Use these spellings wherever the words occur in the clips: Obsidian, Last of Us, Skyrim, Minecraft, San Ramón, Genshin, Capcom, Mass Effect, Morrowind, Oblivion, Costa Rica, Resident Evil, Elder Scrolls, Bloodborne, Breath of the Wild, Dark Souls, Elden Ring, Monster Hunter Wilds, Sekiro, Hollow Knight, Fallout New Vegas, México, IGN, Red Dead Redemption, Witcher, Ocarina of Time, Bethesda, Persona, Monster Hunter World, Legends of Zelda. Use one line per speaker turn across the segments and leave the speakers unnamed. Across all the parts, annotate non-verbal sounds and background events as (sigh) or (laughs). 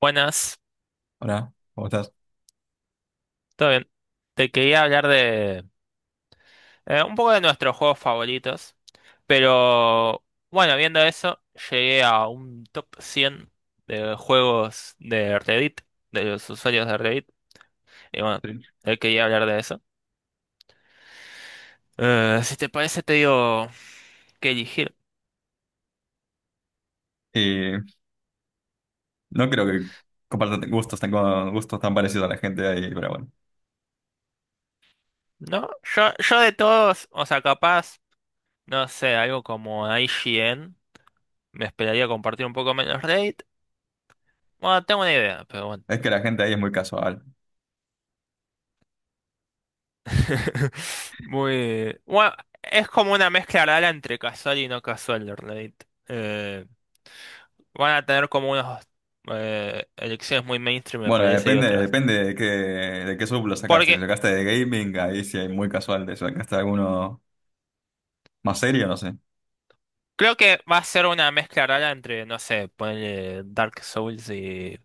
Buenas,
Hola, ¿cómo estás?
todo bien. Te quería hablar de un poco de nuestros juegos favoritos, pero bueno, viendo eso, llegué a un top 100 de juegos de Reddit, de los usuarios de Reddit, y bueno,
Sí.
te quería hablar de eso. Si te parece, te digo que elegir,
Eh, no creo que compartan con gustos tan parecidos a la gente ahí, pero bueno.
¿no? Yo de todos, o sea, capaz, no sé, algo como I G N me esperaría compartir un poco menos Reddit. Bueno, tengo una idea, pero bueno.
Es que la gente ahí es muy casual.
(laughs) Muy. Bueno, es como una mezcla rara entre casual y no casual, de Reddit. Van a tener como unas elecciones muy mainstream, me
Bueno,
parece, y otras. No.
depende de de qué sub lo sacaste.
Porque
Si sacaste de gaming, ahí sí hay muy casual. Si sacaste alguno más serio, no sé.
creo que va a ser una mezcla rara entre, no sé, ponerle Dark Souls y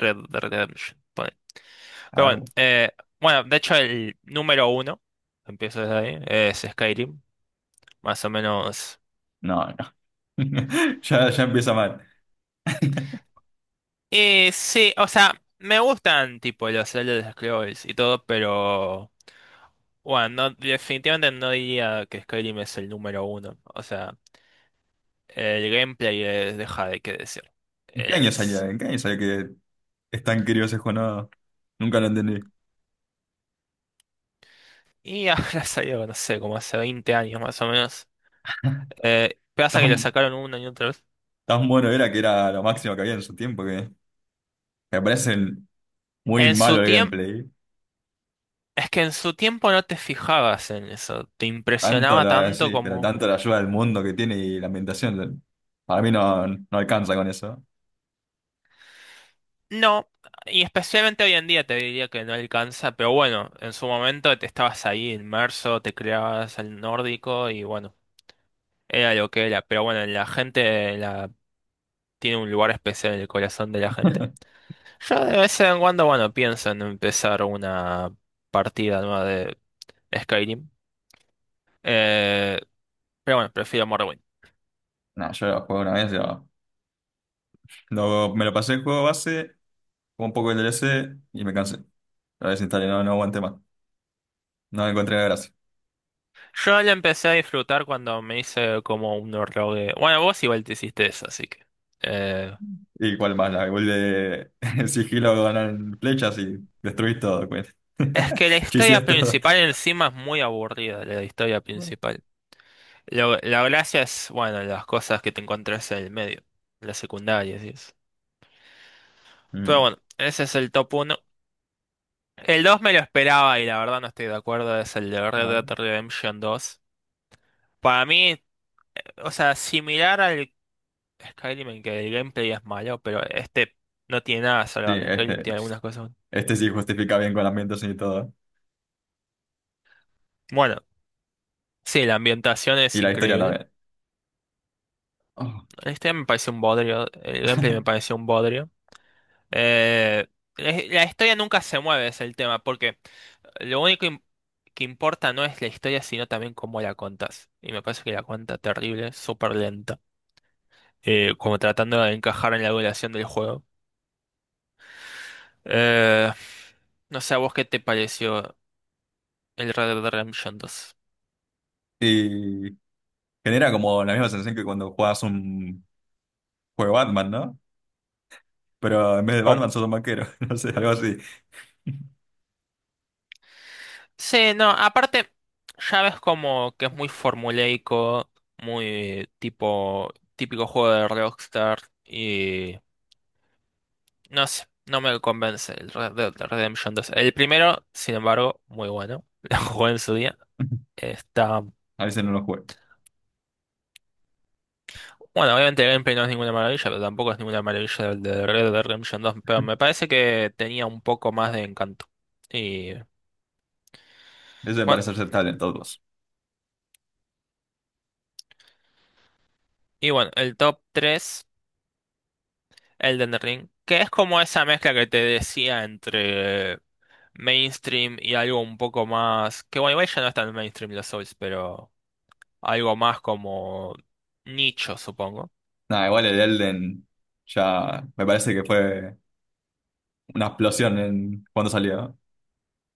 Red Dead Redemption. Ponele.
A
Pero
ver,
bueno,
bueno.
bueno, de hecho, el número uno, empiezo desde ahí, es Skyrim, más o menos.
No, no. (laughs) Ya empieza mal.
Y sí, o sea, me gustan tipo los Elder Scrolls y todo, pero. Bueno, definitivamente no diría que Skyrim es el número uno. O sea, el gameplay deja de qué decir.
¿En qué año salió?
Es.
¿En qué año salió que es tan querido ese juego? No, nunca lo entendí.
Y (laughs) ahora salió, no sé, como hace 20 años más o menos. Pasa que lo
Tan,
sacaron una y otra vez.
Tan bueno era que era lo máximo que había en su tiempo que me parece muy
En su
malo el
tiempo,
gameplay.
es que en su tiempo no te fijabas en eso. Te impresionaba tanto
Sí, pero
como.
tanto la ayuda del mundo que tiene y la ambientación, para mí no, no alcanza con eso.
No, y especialmente hoy en día te diría que no alcanza, pero bueno, en su momento te estabas ahí inmerso, te creabas el nórdico y bueno. Era lo que era, pero bueno, la gente tiene un lugar especial en el corazón de la gente.
(laughs)
Yo de vez en cuando, bueno, pienso en empezar una partida nueva de Skyrim. Eh, pero bueno, prefiero Morrowind.
No, yo lo jugué una vez, yo, lo- me lo pasé el juego base, con un poco el DLC y me cansé. Lo desinstalé, no, no aguanté más. No le encontré la gracia.
Yo la empecé a disfrutar cuando me hice como un rogue. Bueno, vos igual te hiciste eso, así que. eh,
¿Y cuál más? La el de (laughs) el sigilo ganan flechas y destruís todo, pues. (laughs)
es que la historia
Chiseás todo.
principal encima es muy aburrida, la historia principal. La gracia es, bueno, las cosas que te encontrás en el medio, las secundarias y eso. Pero
Mm,
bueno, ese es el top uno. El 2 me lo esperaba y la verdad no estoy de acuerdo, es el de
a
Red
ver.
Dead Redemption 2. Para mí, o sea, similar al Skyrim en que el gameplay es malo, pero este no tiene nada
Sí,
salvable. Skyrim tiene algunas cosas.
este sí justifica bien con la ambientación y todo.
Bueno, sí, la ambientación es
Y la historia
increíble.
también. Oh.
Este me parece un bodrio, el gameplay me
(laughs)
pareció un bodrio. Eh, la la historia nunca se mueve, es el tema, porque lo único que importa no es la historia, sino también cómo la contas. Y me parece que la cuenta terrible, súper lenta. Como tratando de encajar en la evaluación del juego. Eh, no sé, ¿a vos qué te pareció el Red Dead Redemption 2?
Y Genera como la misma sensación que cuando juegas un juego Batman, ¿no? Pero en vez de
¿Cómo?
Batman sos un banquero, (laughs) no sé, algo así. (laughs)
Sí, no, aparte, ya ves como que es muy formulaico, muy tipo típico juego de Rockstar y no sé, no me convence el Red Dead Redemption 2. El primero, sin embargo, muy bueno, (laughs) lo jugué en su día, está.
A veces no lo juego.
Bueno, obviamente el gameplay no es ninguna maravilla, pero tampoco es ninguna maravilla el de Red Dead Redemption dos, pero me parece que tenía un poco más de encanto. Y
Eso me
bueno,
parece aceptable en todos.
y bueno, el top 3, Elden Ring, que es como esa mezcla que te decía entre mainstream y algo un poco más, que bueno, igual ya no es tan mainstream los Souls, pero algo más como nicho, supongo.
Nada, igual el Elden ya me parece que fue una explosión en cuando salió.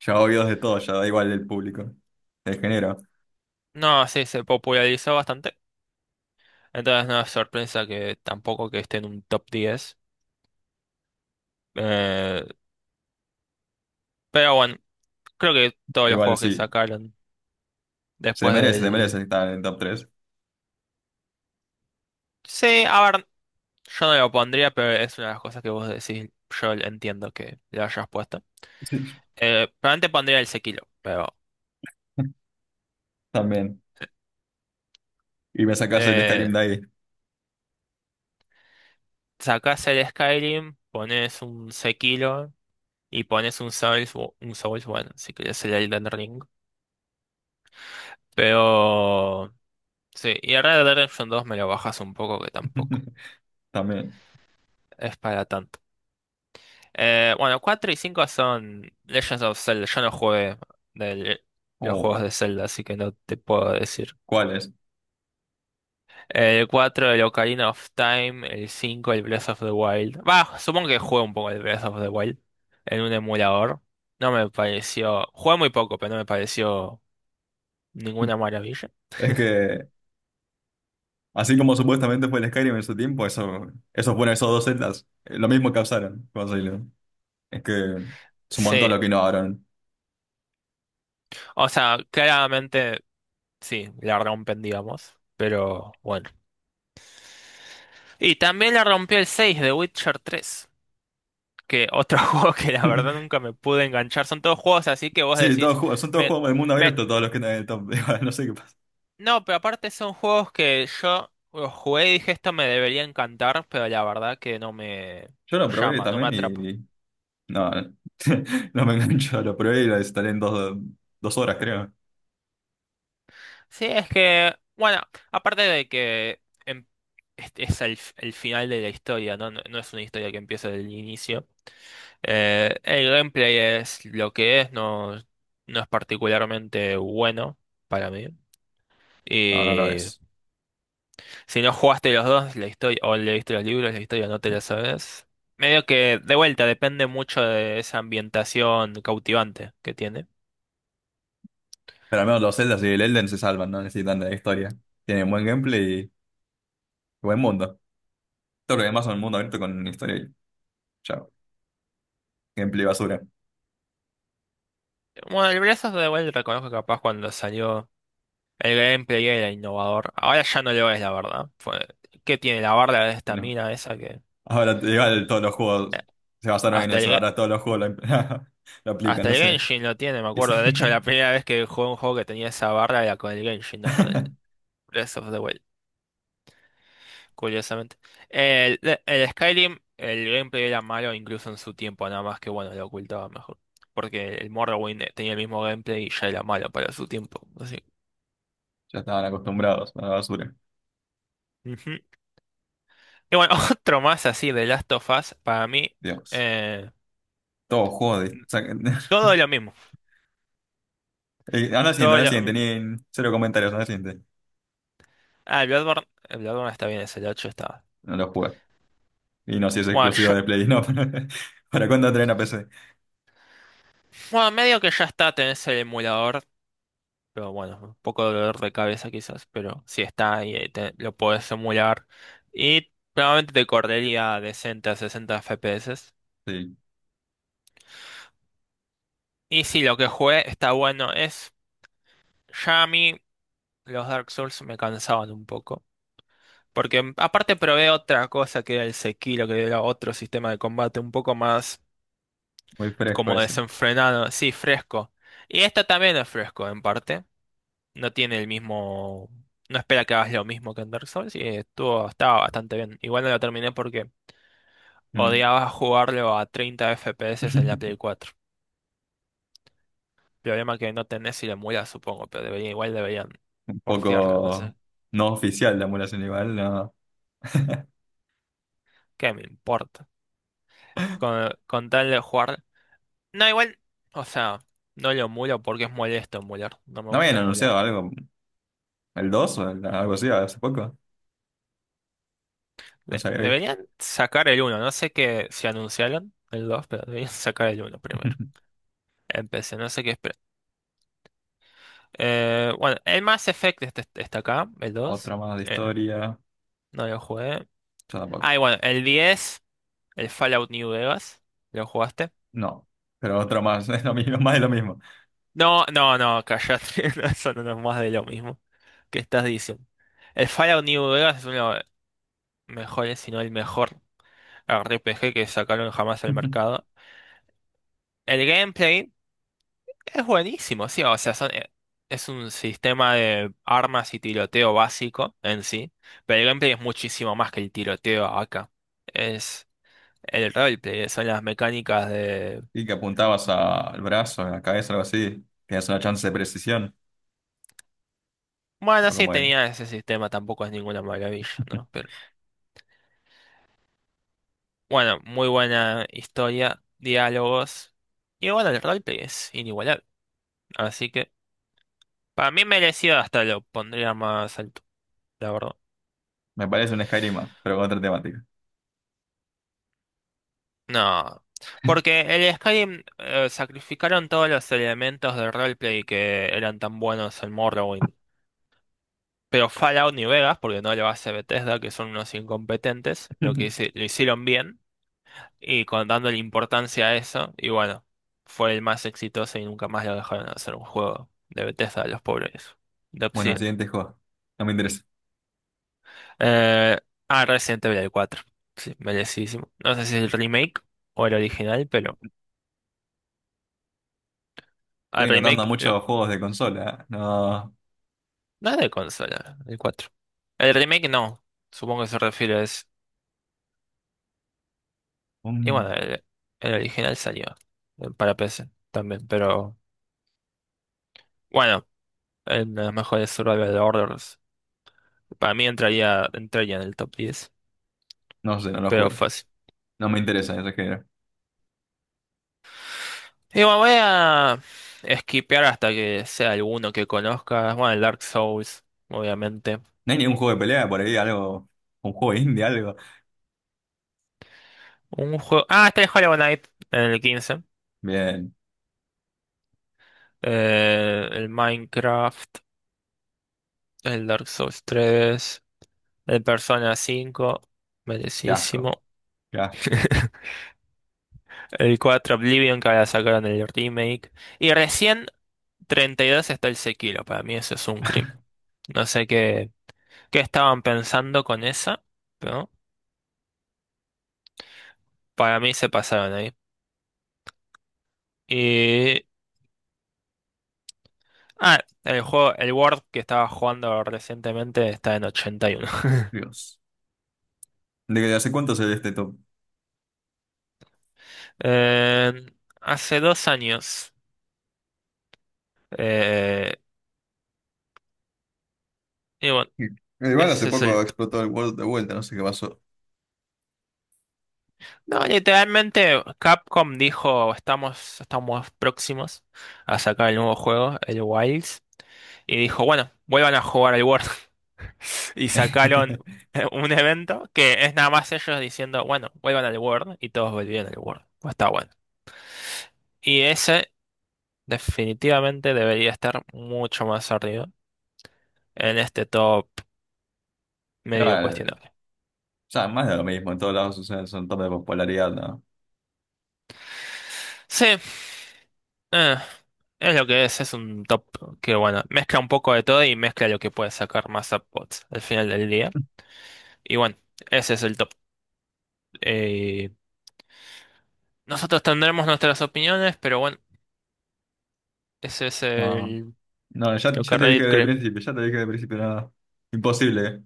Ya oídos de todo, ya da igual el público. El género.
No, sí, se popularizó bastante, entonces no es sorpresa que tampoco que esté en un top 10. Eh, pero bueno. Creo que todos los
Igual
juegos que
sí,
sacaron después
se merece
del.
estar en el top tres.
Sí, a ver, yo no lo pondría, pero es una de las cosas que vos decís, yo entiendo que lo hayas puesto.
Sí.
Probablemente pondría el Sekiro, pero.
(laughs) También. Y me sacas el Skyrim
Eh,
de ahí.
sacás el Skyrim, pones un Sekiro y pones un Souls, bueno, si querés el Elden Ring. Pero. Sí, y el Red Dead Redemption 2 me lo bajas un poco que tampoco
(laughs) También.
es para tanto. Bueno, 4 y 5 son Legends of Zelda. Yo no jugué del- los juegos
Oh,
de Zelda, así que no te puedo decir.
¿cuál es?
El 4, el Ocarina of Time. El 5, el Breath of the Wild. Va, supongo que jugué un poco el Breath of the Wild en un emulador. No me pareció. Jugué muy poco, pero no me pareció ninguna maravilla.
Es que así como supuestamente fue el Skyrim en su tiempo, eso fueron esos dos celdas. Lo mismo causaron. Es que es un
Sí,
montón lo que innovaron.
o sea, claramente sí, la rompen, digamos. Pero bueno. Y también la rompió el 6 de Witcher tres. Que otro (laughs) juego que la verdad
(laughs)
nunca me pude enganchar. Son todos juegos así que vos
Sí,
decís,
son todos
me,
juegos del mundo
me,
abierto, todos los que están en el top. (laughs) No sé qué pasa.
no, pero aparte son juegos que yo los jugué y dije esto me debería encantar, pero la verdad que no me
Yo lo probé
llama, no me
también
atrapa.
y. No, no (laughs) no me engancho. Lo probé y lo instalé en dos horas, creo.
Sí, es que, bueno, aparte de que es el final de la historia, ¿no? No, no es una historia que empieza del inicio. El gameplay es lo que es, no, no es particularmente bueno para mí.
No, no lo es.
Si no jugaste los dos, la historia, o leíste los libros, la historia no te la sabes. Medio que, de vuelta, depende mucho de esa ambientación cautivante que tiene.
Pero al menos los Zeldas y el Elden se salvan, no necesitan de la historia. Tienen buen gameplay y buen mundo. Todo lo demás son mundo abierto con historia y chao. Gameplay basura.
Bueno, el Breath of the Wild reconozco que capaz cuando salió el gameplay era innovador. Ahora ya no lo es, la verdad. ¿Qué tiene la barra de
Y
esta
no.
mina esa que
Ahora igual todos los
eh,
juegos se basaron en
hasta el,
eso,
Ge-
ahora todos los juegos impl- (laughs) lo aplican,
hasta
no
el
sé.
Genshin lo tiene? Me
Y sí.
acuerdo. De hecho, la primera vez que jugué un juego que tenía esa barra era con el Genshin, no con el
(laughs)
Breath of the Wild. Curiosamente. El, el Skyrim, el gameplay era malo incluso en su tiempo, nada más que bueno, lo ocultaba mejor. Porque el Morrowind tenía el mismo gameplay y ya era malo para su tiempo. Así.
Ya estaban acostumbrados a la basura.
Ujú. Y bueno, (laughs) otro más así de Last of Us, para mí,
Dios.
eh,
Todo juego de... saquen- (laughs)
todo lo mismo,
Anda al siguiente,
todo
anda al
lo
siguiente,
mismo.
ni cero comentarios, anda al siguiente.
Ah, el Bloodborne está bien, es el 8 está.
No lo jugué. Y no sé si es
Bueno,
exclusivo
ya-
de Play, no. (laughs) Para cuándo traen a PC?
bueno, medio que ya está, tenés el emulador. Pero bueno, un poco de dolor de cabeza quizás, pero si está y lo puedes emular. Y probablemente te correría decente a 60 FPS.
Sí,
Y si lo que jugué está bueno, es. Ya a mí los Dark Souls me cansaban un poco. Porque aparte probé otra cosa que era el Sekiro, que era otro sistema de combate un poco más
muy fresco
como
ese.
desenfrenado, sí, fresco. Y esta también es fresco en parte. No tiene el mismo. No espera que hagas lo mismo que en Dark Souls y estaba bastante bien. Igual no lo terminé porque
Mm.
odiaba jugarlo a 30 FPS en la Play
(laughs)
4. Problema que no tenés si lo emulas, supongo, pero debería, igual deberían
Un
portearlo, no sé.
poco no oficial la emulación igual, no.
¿Qué me importa? Con tal de jugar. No, igual, o sea, no lo emulo porque es molesto emular. No me
No habían
gusta emular.
anunciado algo, el 2 o el- algo así hace poco. No sabía.
Deberían sacar el uno no sé qué, si anunciaron el 2 pero deberían sacar el uno primero.
(laughs)
Empecé, no sé qué esperar. Bueno, el Mass Effect está acá, el dos.
¿Otra más de
Eh,
historia, o
no lo jugué.
tampoco?
Ah, y bueno, el 10 el Fallout New Vegas. ¿Lo jugaste?
No, pero otra más, (laughs) es lo mismo, más de lo mismo.
No, no, no, callate. (laughs) No, Eso no es más de lo mismo. ¿Qué estás diciendo? El Fallout New Vegas es uno de los mejores, si no el mejor RPG que sacaron jamás al
(laughs)
mercado. El gameplay es buenísimo, sí. O sea, es un sistema de armas y tiroteo básico en sí. Pero el gameplay es muchísimo más que el tiroteo acá. Es. El roleplay son las mecánicas de.
Y que apuntabas al brazo, a la cabeza, algo así, tienes una chance de precisión, o
Bueno, sí
como era.
tenía ese sistema, tampoco es ninguna maravilla, ¿no? Pero bueno, muy buena historia, diálogos. Y bueno, el roleplay es inigualable. Así que para mí merecido hasta lo pondría más alto, la verdad.
Me parece un Skyrim más, pero con otra temática.
No. Porque el Skyrim sacrificaron todos los elementos del roleplay que eran tan buenos en Morrowind. Pero Fallout ni Vegas, porque no lo hace Bethesda, que son unos incompetentes,
(laughs)
lo hicieron bien. Y con dándole importancia a eso, y bueno, fue el más exitoso y nunca más lo dejaron hacer un juego de Bethesda de los pobres, de
Bueno,
Obsidian.
siguiente juego, no me interesa.
Eh, Resident Evil 4, sí, merecidísimo. No sé si es el remake o el original, pero al
Estoy notando
remake,
muchos juegos de consola, ¿eh? No,
no es de consola, el 4. El remake no, supongo que se refiere es, y
mm,
bueno, el original salió para PC también, pero bueno, en los mejores survival horrors, para mí entraría en el top 10,
no sé, no los
pero
juego,
fácil.
no me interesa ese género.
Y bueno, voy a skipear hasta que sea alguno que conozcas. Bueno, el Dark Souls, obviamente.
No hay ningún juego de pelea por ahí, algo, un juego indie, algo.
Un juego. Ah, está el Hollow Knight en el quince.
Bien,
El Minecraft. El Dark Souls tres. El Persona cinco.
qué asco,
Merecidísimo.
qué asco,
(laughs) El 4 Oblivion que ahora sacaron el remake. Y recién 32 está el Sekiro. Para mí eso es un crimen. No sé qué estaban pensando con esa, pero para mí se pasaron ahí. Ah, el juego, el Word que estaba jugando recientemente está en 81. (laughs)
Dios. ¿De hace cuánto se ve este top?
Eh, hace 2 años. eh, y bueno,
Sí. Igual hace
ese es
poco
el.
explotó el World de vuelta, no sé qué pasó.
No, literalmente Capcom dijo, estamos próximos a sacar el nuevo juego, el Wilds. Y dijo, bueno, vuelvan a jugar al Word. (laughs) Y sacaron
(laughs)
un evento que es nada más ellos diciendo, bueno, vuelvan al Word. Y todos volvieron al Word. Pues está bueno. Y ese definitivamente debería estar mucho más arriba en este top medio
Igual,
cuestionable.
ya más de lo mismo, en todos lados son top de popularidad, ¿no?
Sí, eh, es lo que es un top que, bueno, mezcla un poco de todo y mezcla lo que puede sacar más upvotes al final del día. Y bueno, ese es el top. Eh, nosotros tendremos nuestras opiniones, pero bueno, ese es
No,
el,
no,
lo que
ya te dije
Reddit
de
cree.
principio, ya te dije de principio, nada. Imposible.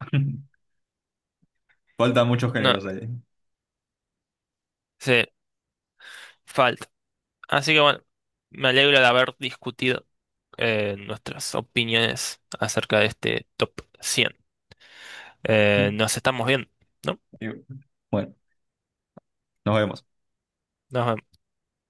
(laughs) Faltan muchos
No,
géneros ahí.
sí, falta. Así que bueno, me alegro de haber discutido nuestras opiniones acerca de este top 100. eh,
(laughs)
nos estamos viendo, ¿no?
Y bueno, nos vemos.
Nos vemos.